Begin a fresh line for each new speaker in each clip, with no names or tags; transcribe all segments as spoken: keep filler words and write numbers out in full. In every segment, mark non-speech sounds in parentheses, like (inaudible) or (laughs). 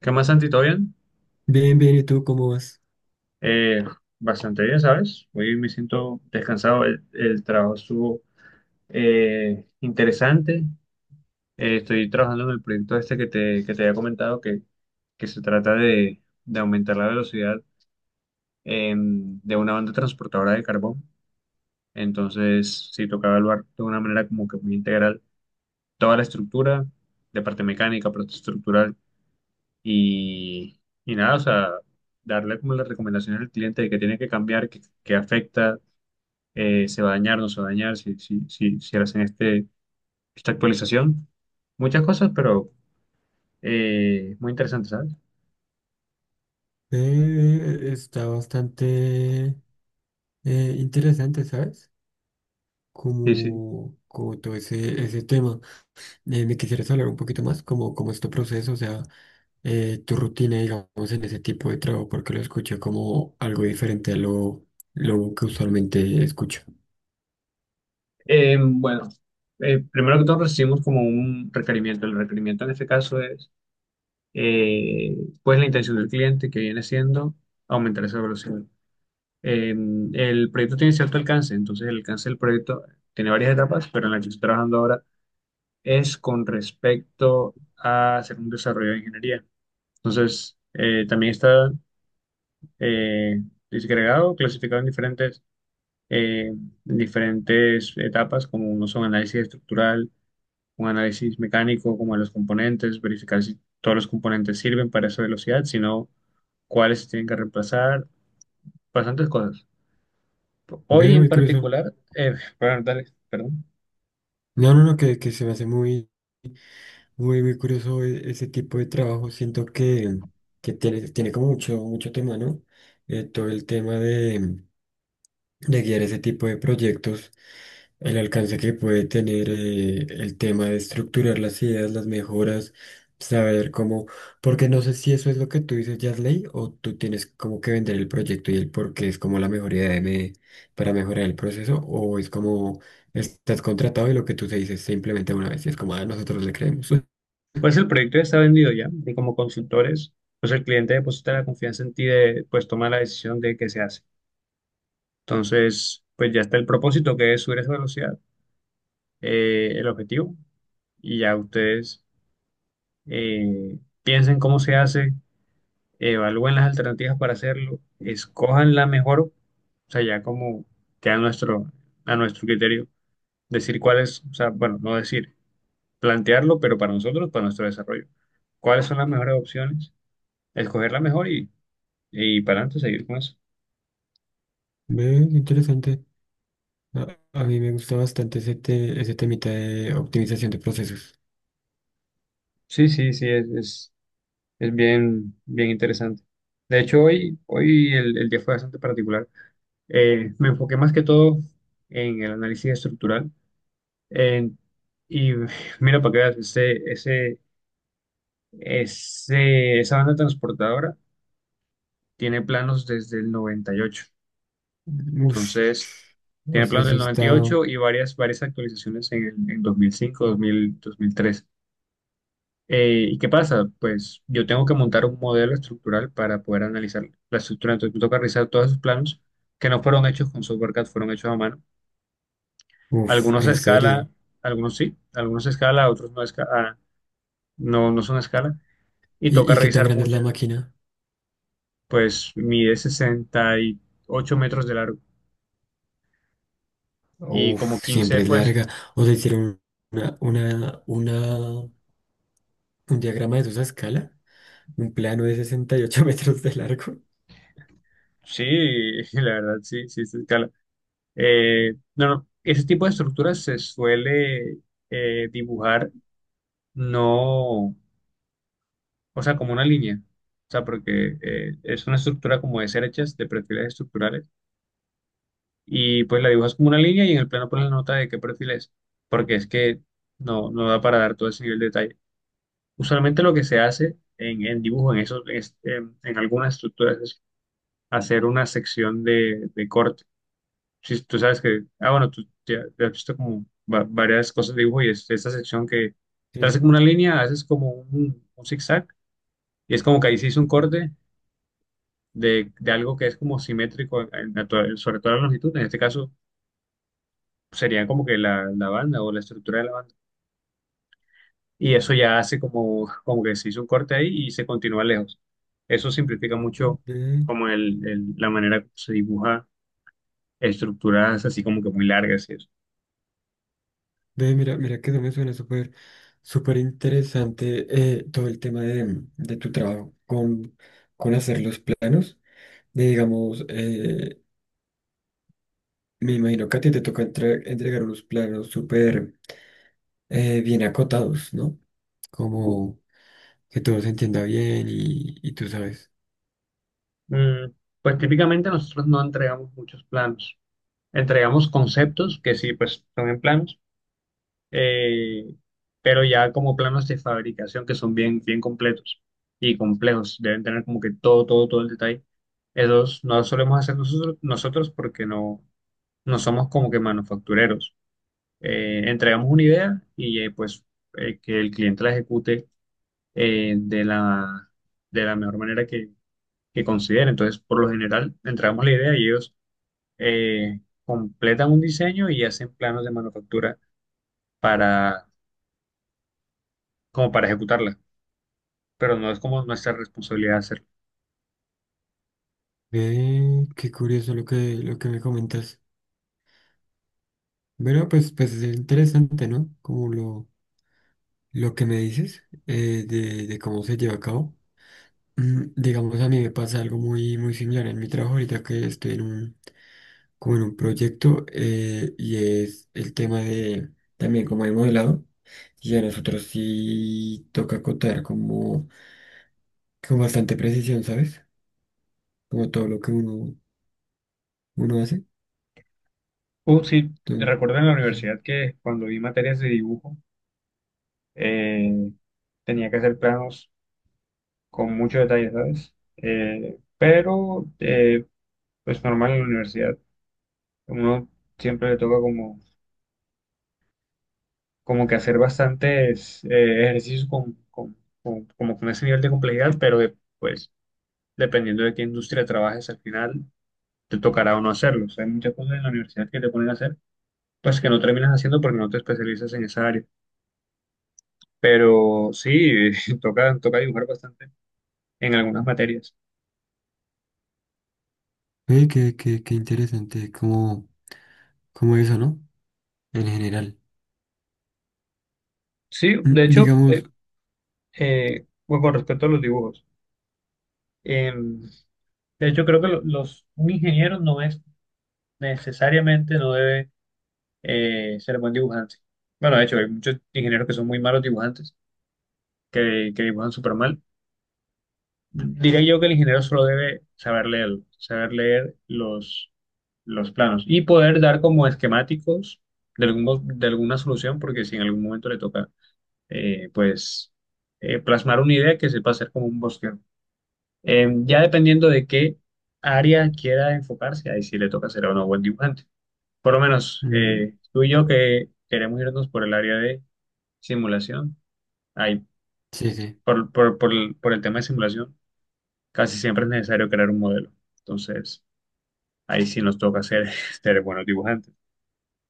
¿Qué más, Santi? ¿Todo bien?
Bien, bien, ¿y tú cómo vas?
Eh, Bastante bien, ¿sabes? Hoy me siento descansado. El, el trabajo estuvo eh, interesante. Eh, estoy trabajando en el proyecto este que te, que te había comentado, que, que se trata de, de aumentar la velocidad em, de una banda transportadora de carbón. Entonces, sí, tocaba evaluar de una manera como que muy integral toda la estructura, de parte mecánica, parte estructural. Y, y nada, o sea, darle como la recomendación al cliente de que tiene que cambiar, que, que afecta, eh, se va a dañar, no se va a dañar, si, si, si, si hacen este, esta actualización. Muchas cosas, pero eh, muy interesante, ¿sabes?
Eh, está bastante eh, interesante, ¿sabes?
Sí, sí.
Como, como todo ese, ese tema. Eh, me quisieras hablar un poquito más, como, como este proceso, o sea, eh, tu rutina, digamos, en ese tipo de trabajo, porque lo escuché como algo diferente a lo, lo que usualmente escucho.
Eh, bueno, eh, primero que todo recibimos como un requerimiento. El requerimiento en este caso es, eh, pues, la intención del cliente que viene siendo aumentar esa velocidad. Eh, el proyecto tiene cierto alcance, entonces el alcance del proyecto tiene varias etapas, pero en la que estoy trabajando ahora es con respecto a hacer un desarrollo de ingeniería. Entonces, eh, también está eh, disgregado, clasificado en diferentes, eh, en diferentes etapas, como uno son análisis estructural, un análisis mecánico, como de los componentes, verificar si todos los componentes sirven para esa velocidad, sino cuáles se tienen que reemplazar, bastantes cosas. Hoy
Ve,
en
muy curioso.
particular, eh, bueno, dale, perdón.
No, no, no, que, que se me hace muy. Muy, muy curioso e- ese tipo de trabajo. Siento que, que tiene, tiene como mucho, mucho tema, ¿no? Eh, todo el tema de, de guiar ese tipo de proyectos, el alcance que puede tener, eh, el tema de estructurar las ideas, las mejoras, saber cómo, porque no sé si eso es lo que tú dices, Yasley, o tú tienes como que vender el proyecto y el por qué es como la mejor idea de me- para mejorar el proceso, o es como estás contratado y lo que tú se dices se implementa una vez y es como, ah, nosotros le creemos.
Pues el proyecto ya está vendido ya, y como consultores, pues el cliente deposita la confianza en ti de, pues toma la decisión de qué se hace. Entonces, pues ya está el propósito que es subir esa velocidad, eh, el objetivo, y ya ustedes eh, piensen cómo se hace, evalúen las alternativas para hacerlo, escojan la mejor, o sea, ya como queda a nuestro, a nuestro criterio, decir cuál es, o sea, bueno, no decir. Plantearlo, pero para nosotros, para nuestro desarrollo. ¿Cuáles son las mejores opciones? Escoger la mejor y, y para adelante seguir con eso.
Ve, qué interesante. A, a mí me gusta bastante ese, te- ese temita de optimización de procesos.
Sí, sí, sí, es, es, es bien, bien interesante. De hecho, hoy, hoy el, el día fue bastante particular. Eh, me enfoqué más que todo en el análisis estructural. en- y (sighs) (laughs) mira, para que veas, ese, ese, ese- esa banda transportadora tiene planos desde el noventa y ocho.
Uf,
Entonces,
o
tiene
sea,
planos
eso
del noventa y
está...
ocho y varias, varias actualizaciones en, el- en dos mil cinco, dos mil, dos mil tres. Eh, ¿y qué pasa? Pues yo tengo que montar un modelo estructural para poder analizar la estructura. Entonces me toca revisar todos esos planos que no fueron hechos con software CAD, fueron hechos a mano.
Uf,
Algunos a
¿en
escala,
serio?
algunos sí, algunos a escala, otros no, a esca- ah, no, no son a escala. Y
¿Y,
toca
y qué tan
revisar
grande es la
muchas.
máquina?
Pues mide sesenta y ocho metros de largo y como
Uf,
quince
siempre es
pues
larga. O sea, hicieron una, una, una, un diagrama de esa escala, un plano de sesenta y ocho (laughs) metros de largo.
sí, (laughs) la verdad sí, sí es a escala. Eh, no, no, ese tipo de estructuras se suele eh, dibujar no, o sea, como una línea, o sea, porque eh, es una estructura como de cerchas de perfiles estructurales, y pues la dibujas como una línea y en el plano pones la nota de qué perfil es, porque es que no, no da para dar todo ese nivel de detalle. Usualmente lo que se hace en, en dibujo, en, esos, es- en, en algunas estructuras, es hacer una sección de de, corte. Sí tú sabes que, ah, bueno, tú ya, ya has visto como va- varias cosas de dibujo y es esta sección que te hace
Sí.
como una línea, haces como un, un zigzag y es como que ahí se hizo un corte de, de algo que es como simétrico en la to- sobre toda la longitud, en este caso sería como que la, la banda o la estructura de la banda y eso ya hace como, como que se hizo un corte ahí y se continúa lejos. Eso simplifica mucho
Ve,
como el, el- la manera como se dibuja estructuras así como que muy largas y eso.
ve, mira, mira que eso me suena súper, súper interesante eh, todo el tema de, de tu trabajo con, con hacer los planos. Y digamos, eh, me imagino que a ti te toca entre- entregar unos planos súper eh, bien acotados, ¿no? Como que todo se entienda bien y, y tú sabes.
Mm, Pues típicamente nosotros no entregamos muchos planos, entregamos conceptos que sí, pues son en planos, eh, pero ya como planos de fabricación que son bien, bien completos y complejos, deben tener como que todo, todo, todo el detalle. Esos no los solemos hacer nosotros, nosotros porque no, no somos como que manufactureros. Eh, entregamos una idea y eh, pues eh, que el cliente la ejecute eh, de la, de la mejor manera que, que considere. Entonces, por lo general, entregamos la idea y ellos eh, completan un diseño y hacen planos de manufactura para, como para ejecutarla, pero no es como nuestra responsabilidad hacerlo.
Ve, qué curioso lo que, lo que me comentas. Bueno, pues, pues es interesante, ¿no? Como lo, lo que me dices eh, de, de cómo se lleva a cabo. Mm, digamos, a mí me pasa algo muy, muy similar en mi trabajo ahorita que estoy en un, como en un proyecto eh, y es el tema de también como hay modelado y a nosotros sí toca contar como con bastante precisión, ¿sabes? Como todo lo que uno, uno hace.
Uh, sí,
Entonces,
recuerdo en la universidad que cuando vi materias de dibujo, eh, tenía que hacer planos con mucho detalle, ¿sabes? Eh, pero, eh, pues normal en la universidad, uno siempre le toca como, como que hacer bastantes eh, ejercicios con, con, con- como con ese nivel de complejidad, pero de, pues dependiendo de qué industria trabajes al final, te tocará o no hacerlo. O sea, hay muchas cosas en la universidad que te ponen a hacer, pues que no terminas haciendo porque no te especializas en esa área. Pero sí, (laughs) toca, toca dibujar bastante en algunas materias.
eh, qué, qué- qué interesante como, como eso, ¿no? En general.
Sí,
Mm,
de hecho,
digamos,
eh, eh, bueno, con respecto a los dibujos, em, de hecho creo que lo- los, un ingeniero no es necesariamente, no debe eh, ser buen dibujante. Bueno, de hecho, hay muchos ingenieros que son muy malos dibujantes, que, que dibujan súper mal. Diría yo que el ingeniero solo debe saber leer, saber leer los, los planos y poder dar como esquemáticos de, algún- de alguna solución, porque si en algún momento le toca, eh, pues, eh, plasmar una idea que sepa hacer como un bosquejo. Eh, ya dependiendo de qué área quiera enfocarse, ahí sí le toca ser o no buen dibujante. Por lo menos
mm,
eh, tú y yo que queremos irnos por el área de simulación, ahí,
sí, sí.
por, por, por el por el tema de simulación, casi siempre es necesario crear un modelo. Entonces, ahí sí nos toca ser, (laughs) ser buenos dibujantes.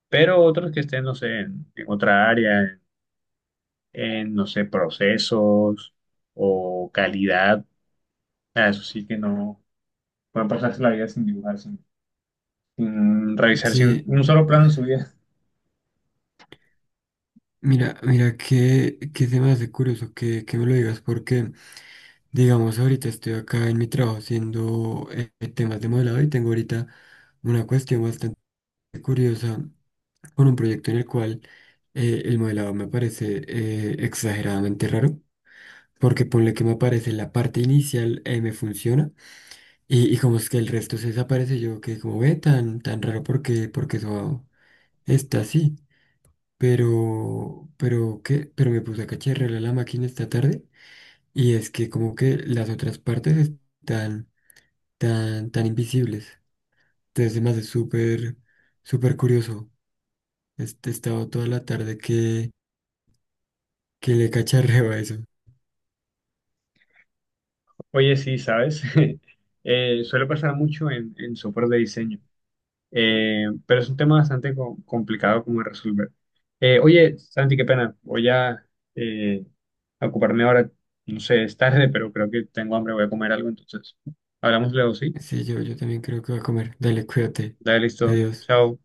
Pero otros que estén, no sé, en, en otra área, en, en, no sé, procesos o calidad, ah, eso sí que no pueden pasarse la vida sin dibujar, sin, sin revisar sin
Sí,
un solo plano en su vida.
Mira, mira, qué, qué se me hace curioso que, que me lo digas, porque, digamos, ahorita estoy acá en mi trabajo haciendo eh, eh, temas de modelado y tengo ahorita una cuestión bastante curiosa con un proyecto en el cual eh, el modelado me parece eh, exageradamente raro. Porque ponle que me aparece la parte inicial, eh, me funciona. Y, y como es que el resto se desaparece, yo que como ve tan, tan raro porque, porque eso está así pero, pero, ¿qué? Pero me puse a cacharrear la máquina esta tarde y es que como que las otras partes están tan, tan invisibles. Entonces me hace súper, súper curioso. Este, he estado toda la tarde que, que le cacharreo a eso.
(laughs) Oye, sí, ¿sabes? (laughs) Eh, suele pasar mucho en, en software de diseño. Eh, pero es un tema bastante co- complicado como de resolver. Eh, oye, Santi, qué pena. Voy a, eh, a ocuparme ahora. No sé, es tarde, pero creo que tengo hambre. Voy a comer algo, entonces. Hablamos luego, ¿sí?
Sí, yo, yo también creo que voy a comer. Dale, cuídate.
Dale, listo.
Adiós.
Chao.